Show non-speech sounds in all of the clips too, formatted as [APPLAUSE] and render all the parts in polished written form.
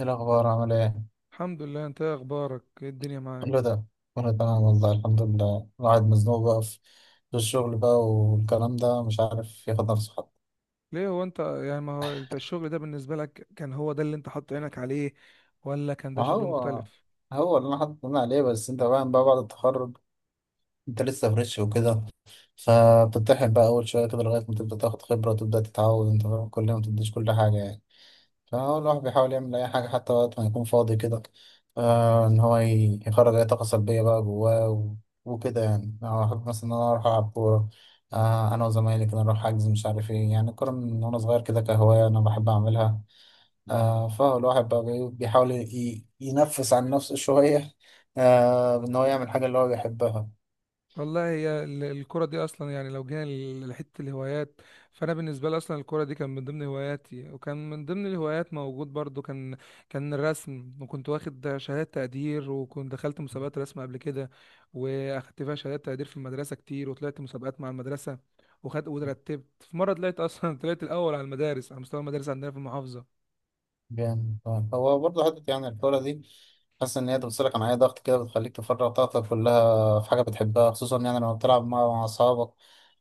ايه الأخبار؟ عامل ايه؟ الحمد لله، انت ايه اخبارك؟ ايه الدنيا معاك؟ كله ده. كله تمام والله، الحمد لله. الواحد مزنوق بقى في الشغل بقى والكلام ده، مش عارف ياخد نفسه حتى. ليه هو انت يعني ما هو انت الشغل ده بالنسبه لك كان هو ده اللي انت حاطط عينك عليه ولا كان ده ما شغل هو مختلف؟ هو اللي انا حاطط عليه، بس انت فاهم بقى، بعد التخرج انت لسه فريش وكده، فبتتحب بقى اول شوية كده لغاية ما تبدأ تاخد خبرة وتبدأ تتعود. انت فاهم، كل يوم ما تديش كل حاجة يعني. فهو الواحد بيحاول يعمل أي حاجة حتى وقت ما يكون فاضي كده، آه، إن هو يخرج أي طاقة سلبية بقى جواه وكده. يعني أنا بحب مثلا إن أنا أروح ألعب كورة. آه، أنا وزمايلي كده نروح حجز، مش عارف إيه. يعني الكورة من وأنا صغير كده كهواية أنا بحب أعملها. آه، فهو الواحد بقى بيحاول ينفس عن نفسه شوية، آه، إن هو يعمل حاجة اللي هو بيحبها. والله هي الكرة دي أصلا يعني لو جينا لحتة الهوايات، فأنا بالنسبة لي أصلا الكرة دي كان من ضمن هواياتي، وكان من ضمن الهوايات موجود برضو كان الرسم، وكنت واخد شهادات تقدير، وكنت دخلت مسابقات رسم قبل كده وأخدت فيها شهادات تقدير في المدرسة كتير، وطلعت مسابقات مع المدرسة وخدت وترتبت. في مرة طلعت أصلا [LAUGHS] طلعت الأول على المدارس، على مستوى المدارس عندنا في المحافظة. جامد آه. هو برضه حتة، يعني الكورة دي حاسس إن هي بتفصلك عن أي ضغط كده، بتخليك تفرغ طاقتك كلها في حاجة بتحبها، خصوصا يعني لما بتلعب مع أصحابك.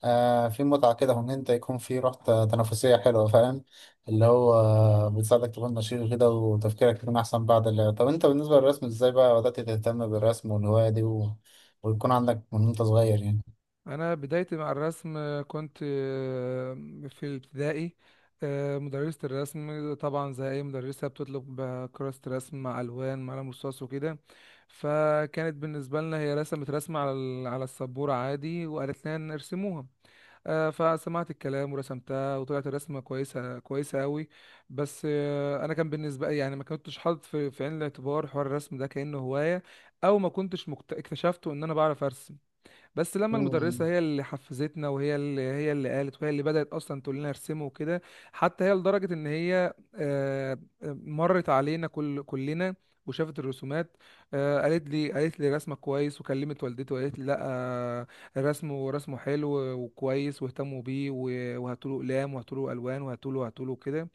آه، في متعة كده، وإن أنت يكون في روح تنافسية حلوة، فاهم؟ اللي هو بتساعدك تكون نشيط كده وتفكيرك يكون أحسن بعد اللعب. طب أنت بالنسبة للرسم إزاي بقى بدأت تهتم بالرسم والهواية دي، ويكون عندك من وأنت صغير يعني؟ انا بدايتي مع الرسم كنت في الابتدائي. مدرسة الرسم طبعا زي اي مدرسة بتطلب كراسة رسم مع الوان مع قلم رصاص وكده. فكانت بالنسبة لنا هي رسمت رسمة على على السبورة عادي وقالت لنا نرسموها. فسمعت الكلام ورسمتها وطلعت الرسمة كويسة، كويسة قوي. بس انا كان بالنسبة لي يعني ما كنتش حاطط في عين الاعتبار حوار الرسم ده كأنه هواية، او ما كنتش اكتشفته ان انا بعرف ارسم. بس لما المدرسة مم. هي اللي حفزتنا، وهي هي اللي قالت، وهي اللي بدأت أصلا تقول لنا ارسموا وكده. حتى هي لدرجة إن هي مرت علينا كلنا وشافت الرسومات. قالت لي رسمك كويس، وكلمت والدتي وقالت لي لا، رسمه حلو وكويس، واهتموا بيه وهاتوا له اقلام وهاتوا له الوان وهاتوا له كده.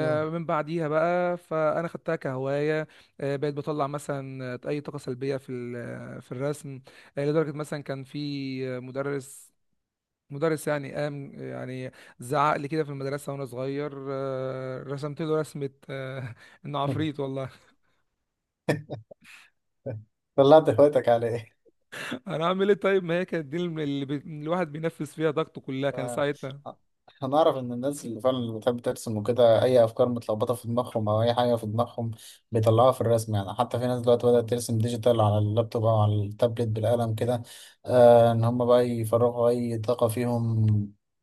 مم. من بعديها بقى فانا خدتها كهوايه. بقيت بطلع مثلا اي طاقه سلبيه في في الرسم. يعني لدرجة مثلا كان في مدرس يعني قام يعني زعق لي كده في المدرسة وأنا صغير، رسمت له رسمة [LAUGHS] إنه عفريت والله. [LAUGHS] طلعت هوايتك على إيه؟ [LAUGHS] أنا أعمل إيه طيب؟ ما هي كانت دي الواحد بينفذ فيها طاقته كلها كان ساعتها. ف- هنعرف ان الناس اللي فعلا اللي بتحب ترسم وكده، اي افكار متلخبطه في دماغهم او اي حاجه في دماغهم بيطلعوها في الرسم. يعني حتى في ناس دلوقتي بدات ترسم ديجيتال على اللابتوب او على التابلت بالقلم كده، آه، ان هم بقى يفرغوا اي طاقه فيهم،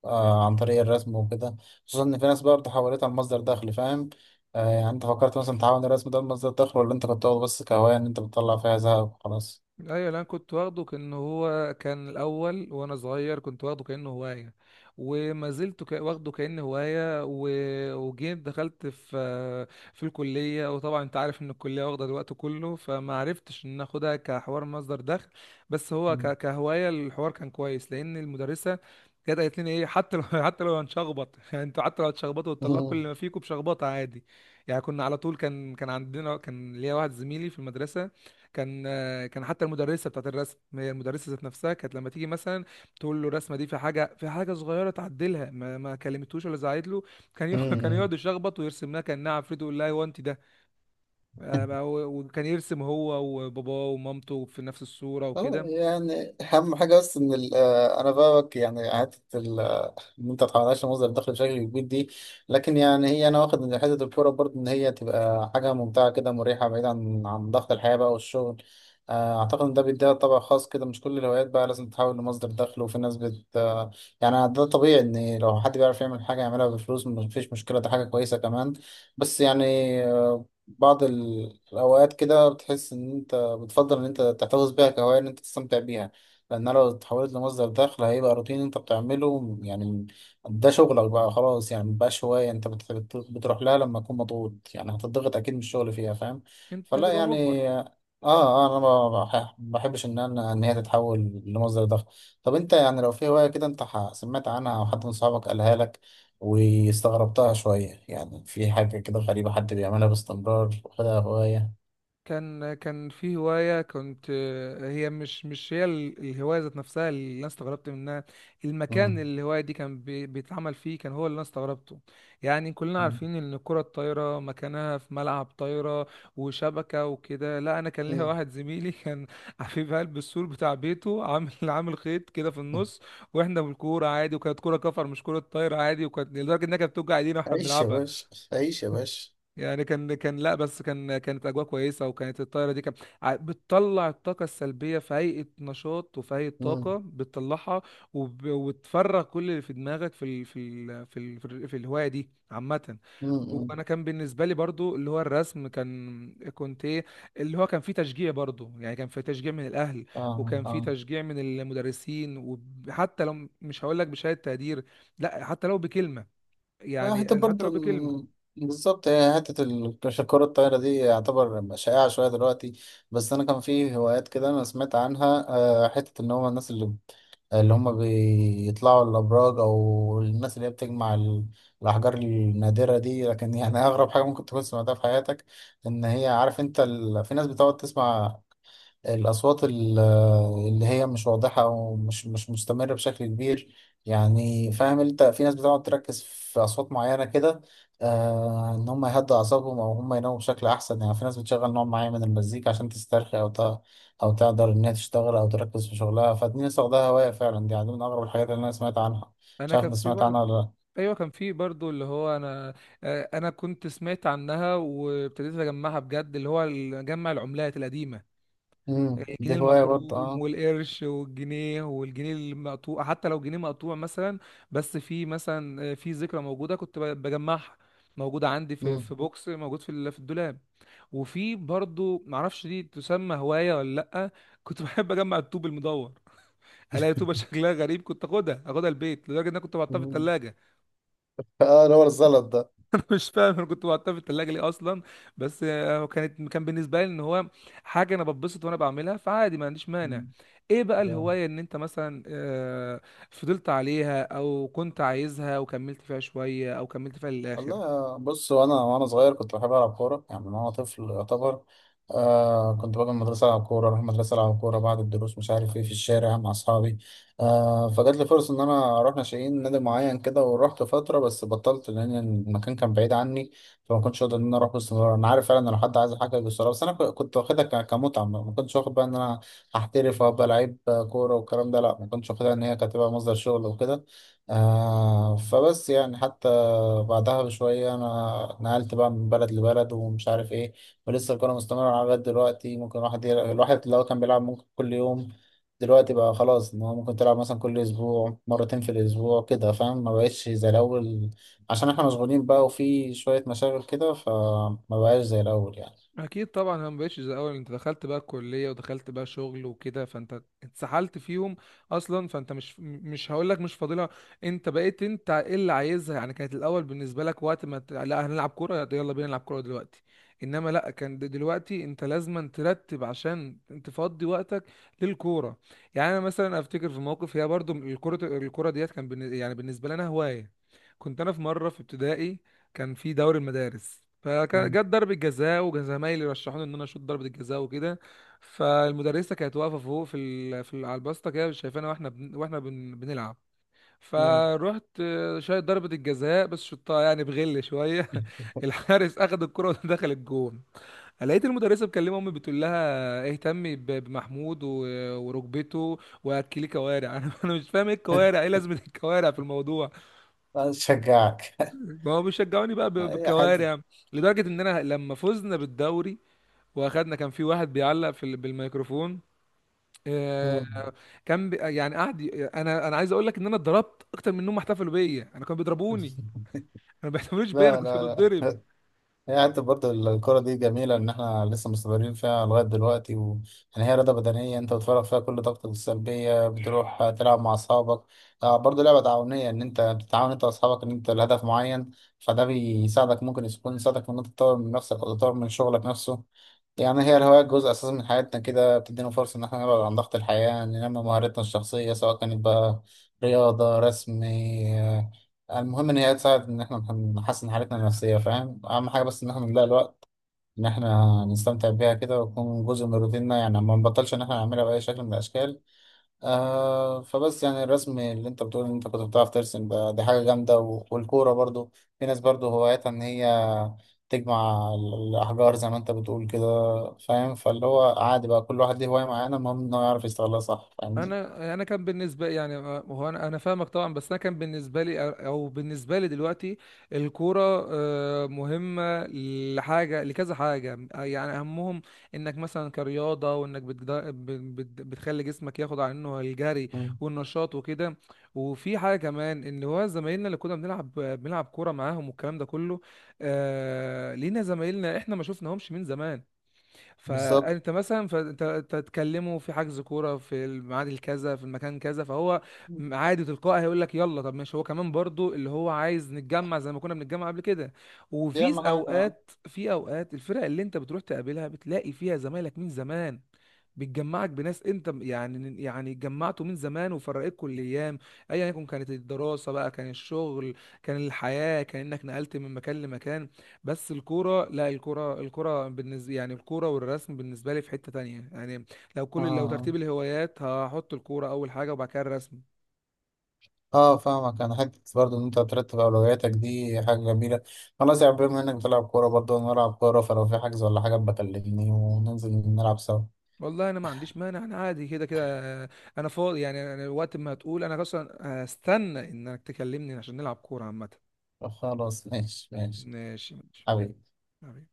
آه، عن طريق الرسم وكده. خصوصا ان في ناس برضه حولتها لمصدر دخل، فاهم؟ آه، يعني انت فكرت مثلا تحول الرسم ده لمصدر دخل، ولا انت كنت واخده بس كهوايه، ان انت بتطلع فيها زهق وخلاص؟ ايوه، لا كنت واخده كانه هو، كان الاول وانا صغير كنت واخده كانه هوايه، وما زلت واخده كانه هوايه، وجيت دخلت في الكليه، وطبعا انت عارف ان الكليه واخده الوقت كله، فما عرفتش ان اخدها كحوار مصدر دخل. بس هو مم. كهوايه الحوار كان كويس، لان المدرسه كانت قالت لنا ايه، حتى لو [LAUGHS] حتى لو هنشخبط. [LAUGHS] يعني انتوا حتى لو هتشخبطوا وتطلعوا كل اللي ما [LAUGHS] فيكم بشخبطه، عادي. يعني كنا على طول كان عندنا، كان ليا واحد زميلي في المدرسه كان. كان حتى المدرسه بتاعت الرسم، هي المدرسه ذات نفسها، كانت لما تيجي مثلا تقول له الرسمه دي في حاجه، في حاجه صغيره تعدلها، ما كلمتوش ولا زعقت له، [LAUGHS] كان مم. يقعد يشخبط ويرسم لها كانها عفريت ويقول لها هو انت ده. بقى وكان يرسم هو وباباه ومامته في نفس الصوره اه، وكده. يعني اهم حاجه، بس ان انا فاهمك. يعني حته ان انت تتعاملش مصدر دخل بشكل كبير دي. لكن يعني هي انا واخد ان حته الكوره برضه، ان هي تبقى حاجه ممتعه كده، مريحه، بعيد عن ضغط الحياه بقى والشغل. آه، اعتقد ان ده بيديها طابع خاص كده، مش كل الهوايات بقى لازم تحول لمصدر دخل. وفي ناس بت آه، يعني ده طبيعي، ان لو حد بيعرف يعمل حاجه يعملها بفلوس مفيش مشكله، ده حاجه كويسه كمان. بس يعني آه، بعض الأوقات كده بتحس إن أنت بتفضل ان انت تحتفظ بيها كهواية، ان انت تستمتع بيها. لان لو اتحولت لمصدر دخل هيبقى روتين انت بتعمله يعني، ده شغلك بقى خلاص يعني مبقاش هواية. انت بتروح لها لما تكون مضغوط، يعني هتضغط اكيد من الشغل فيها، فاهم؟ انت فلا هتبقى مجبر. يعني اه، اه، انا ما بحبش ان انا ان هي تتحول لمصدر دخل. طب انت يعني لو في هواية كده انت سمعت عنها او حد من صحابك قالها لك واستغربتها شوية، يعني في حاجة كده غريبة حد بيعملها باستمرار وخدها هواية؟ كان كان في هواية كنت هي مش هي الهواية ذات نفسها اللي أنا استغربت منها. المكان مم. اللي الهواية دي كان بيتعمل فيه كان هو اللي أنا استغربته. يعني كلنا عارفين إن الكرة الطايرة مكانها في ملعب طايرة وشبكة وكده. لا، أنا كان ليا مم. واحد زميلي [LAUGHS] كان حبيب قلب، السور بتاع بيته عامل خيط كده في النص، وإحنا بالكورة عادي، وكانت كورة كفر مش كرة طايرة عادي، وكانت لدرجة إنها كانت بتوجع إيدينا وإحنا عيش يا بنلعبها. باشا. عيش يا باشا. يعني كان لا، بس كان كانت اجواء كويسه، وكانت الطايره دي كان بتطلع الطاقه السلبيه في هيئه نشاط وفي هيئه مم. طاقه بتطلعها وتفرغ كل اللي في دماغك في الهوايه دي عامه. مم. مم. وانا كان بالنسبه لي برضو اللي هو الرسم، كان كنت ايه، اللي هو كان فيه تشجيع برضو، يعني كان فيه تشجيع من الاهل، اه، وكان اه. فيه تشجيع من المدرسين. وحتى لو مش هقول لك بشهاده تقدير، لا حتى لو بكلمه، لا، حتى يعني حتى برضه لو بكلمه بالظبط هي حتة الكرة الطايرة دي يعتبر شائعة شوية دلوقتي. بس أنا كان في هوايات كده أنا سمعت عنها، آه، حتة إن هما الناس اللي هما بيطلعوا الأبراج، أو الناس اللي هي بتجمع الأحجار النادرة دي. لكن يعني أغرب حاجة ممكن تكون سمعتها في حياتك، إن هي عارف أنت في ناس بتقعد تسمع الأصوات اللي هي مش واضحة ومش مش مستمرة بشكل كبير. يعني فاهم أنت في ناس بتقعد تركز في أصوات معينة كده، آه، إن هم يهدوا أعصابهم أو هم يناموا بشكل أحسن. يعني في ناس بتشغل نوع معين من المزيكا عشان تسترخي أو تقدر إنها تشتغل أو تركز في شغلها. فدي ناس واخداها هواية فعلا، دي يعني من أغرب الحاجات اللي أنا سمعت عنها. مش انا عارف كان أنت في سمعت برضه، عنها ولا لأ؟ ايوه كان في برضو اللي هو انا، انا كنت سمعت عنها وابتديت اجمعها بجد، اللي هو جمع العملات القديمه: مم. الجنيه دي هواية برضه المخروم أه. والقرش والجنيه والجنيه المقطوع. حتى لو جنيه مقطوع مثلا، بس في مثلا في ذكرى موجوده كنت بجمعها، موجوده عندي مم. في بوكس موجود في في الدولاب. وفي برضو معرفش دي تسمى هوايه ولا لا، كنت [LAUGHS] بحب اجمع الطوب المدور، الاقي طوبه شكلها غريب كنت اخدها البيت، لدرجه ان انا كنت بحطها في مم. الثلاجه. آه، اللي هو الزلط ده. [LAUGHS] مش فاهم انا كنت بحطها في التلاجة ليه اصلا. بس كانت كان بالنسبة لي ان هو حاجة انا بتبسط وانا بعملها، فعادي ما عنديش مانع. ايه بقى مم. الهواية ان انت مثلا فضلت عليها او كنت عايزها وكملت فيها شوية او كملت فيها للاخر؟ والله بص، وانا صغير كنت بحب العب كوره يعني من وانا طفل يعتبر. آه، كنت باجي من المدرسه العب كوره، اروح المدرسه العب كوره بعد الدروس، مش عارف ايه، في الشارع مع اصحابي. آه، فجات لي فرصه ان انا اروح ناشئين نادي معين كده ورحت فتره، بس بطلت لان المكان كان بعيد عني، فما كنتش اقدر ان انا اروح باستمرار. انا عارف فعلا ان لو حد عايز حاجه باستمرار، بس انا كنت واخدها كمتعه، ما كنتش واخد بقى ان انا هحترف وابقى لعيب كوره والكلام ده. لا، ما كنتش واخدها ان هي كانت تبقى مصدر شغل وكده. آه، فبس يعني حتى بعدها بشوية أنا نقلت بقى من بلد لبلد ومش عارف إيه. ولسه الكورة مستمرة لغاية دلوقتي. ممكن الواحد لو كان بيلعب ممكن كل يوم، دلوقتي بقى خلاص إن هو ممكن تلعب مثلا كل أسبوع، مرتين في الأسبوع كده، فاهم؟ ما بقتش زي الأول عشان إحنا مشغولين بقى وفي شوية مشاغل كده، فما بقاش زي الأول يعني. اكيد طبعا انا مبقتش زي الاول، انت دخلت بقى الكليه ودخلت بقى شغل وكده فانت اتسحلت فيهم اصلا. فانت مش هقول لك مش فاضلها، انت بقيت انت ايه اللي عايزها. يعني كانت الاول بالنسبه لك وقت ما لا هنلعب كوره، يلا بينا نلعب كوره دلوقتي. انما لا، كان دلوقتي انت لازما ترتب عشان تفضي وقتك للكوره. يعني انا مثلا افتكر في موقف، هي برضو الكوره ديت كان يعني بالنسبه لنا هوايه. كنت انا في مره في ابتدائي، كان في دوري المدارس مم. فجت ضربة جزاء وزمايلي رشحوني ان انا اشوط ضربة الجزاء وكده. فالمدرسة كانت واقفة فوق على الباسطة كده شايفانا بنلعب، مم. فروحت شايط ضربة الجزاء بس شطها يعني بغل شوية. [LAUGHS] الحارس اخد الكرة ودخل الجون. لقيت المدرسة بتكلم امي بتقول لها اهتمي بمحمود وركبته واكليه كوارع. [LAUGHS] انا مش فاهم ايه الكوارع، ايه [LAUGHS] لازمة الكوارع في الموضوع؟ أشجعك. ما هو بيشجعوني بقى [LAUGHS] حتة. بالكوارع. لدرجة ان انا لما فزنا بالدوري واخدنا، كان في واحد بيعلق في بالميكروفون. آه، مم. كان بي يعني انا عايز اقول لك ان انا اتضربت اكتر من انهم احتفلوا بيا. انا كانوا بيضربوني انا، ما بيحتفلوش بيا، انا لا، كنت لا، بتضرب. لا. هي حتى برضه الكرة دي جميلة إن إحنا لسه مستمرين فيها لغاية دلوقتي يعني هي رياضة بدنية أنت بتفرغ فيها كل طاقتك السلبية، بتروح تلعب مع أصحابك. آه، برضه لعبة تعاونية، إن أنت بتتعاون أنت وأصحابك إن أنت لهدف معين. فده بيساعدك، ممكن يكون يساعدك إن أنت تطور من نفسك أو تطور من شغلك نفسه. يعني هي الهوايات جزء أساسي من حياتنا كده، بتدينا فرصة إن إحنا نبعد عن ضغط الحياة، ننمي مهاراتنا الشخصية، سواء كانت بقى رياضة، رسم، يعني المهم إن هي تساعد إن إحنا نحسن حالتنا النفسية، فاهم؟ أهم حاجة بس إن إحنا نلاقي الوقت إن إحنا نستمتع بيها كده، ويكون جزء من روتيننا، يعني ما نبطلش إن إحنا نعملها بأي شكل من الأشكال. آه، فبس يعني الرسم اللي أنت بتقول إن أنت كنت بتعرف ترسم ده، دي حاجة جامدة، والكورة برضو. في ناس برضو هواياتها إن هي تجمع الأحجار زي ما أنت بتقول كده. فاهم، فاللي هو عادي بقى، كل واحد ليه هواية معينة، المهم إنه يعرف يستغلها صح، فاهمني؟ انا كان بالنسبه يعني هو انا فاهمك طبعا، بس انا كان بالنسبه لي او بالنسبه لي دلوقتي الكوره مهمه لحاجه، لكذا حاجه. يعني اهمهم انك مثلا كرياضه، وانك بتخلي جسمك ياخد عنه الجري مم. والنشاط وكده. وفي حاجه كمان ان هو زمايلنا اللي كنا بنلعب كوره معاهم والكلام ده كله، لينا زمايلنا احنا ما شفناهمش من زمان. بالظبط، فانت تتكلموا في حجز كوره في الميعاد الكذا في المكان كذا، فهو عادي تلقائي هيقول لك يلا طب ماشي، هو كمان برضو اللي هو عايز نتجمع زي ما كنا بنتجمع قبل كده. دي وفي أهم حاجة. اوقات في اوقات الفرق اللي انت بتروح تقابلها بتلاقي فيها زمايلك من زمان، بتجمعك بناس انت يعني اتجمعتوا من زمان وفرقتكم الايام، ايا يكن كانت الدراسه بقى، كان الشغل، كان الحياه، كان انك نقلت من مكان لمكان. بس الكوره لا، الكوره بالنسبه يعني الكوره والرسم بالنسبه لي في حته تانية. يعني لو آه. ترتيب الهوايات هحط الكوره اول حاجه وبعد كده الرسم. اه، فاهمك انا حته برضه ان انت ترتب اولوياتك، دي حاجه جميله. خلاص يا عم، بما انك بتلعب كوره برضه انا بلعب كوره، فلو في حجز ولا حاجه بكلمني وننزل نلعب سوا. والله انا ما عنديش مانع، انا عادي كده كده، انا فاضي. يعني انا وقت ما هتقول انا اصلا هستنى انك تكلمني عشان نلعب كوره عامه. خلاص ماشي ماشي. ماشي ماشي. حبيبي. حبيبي.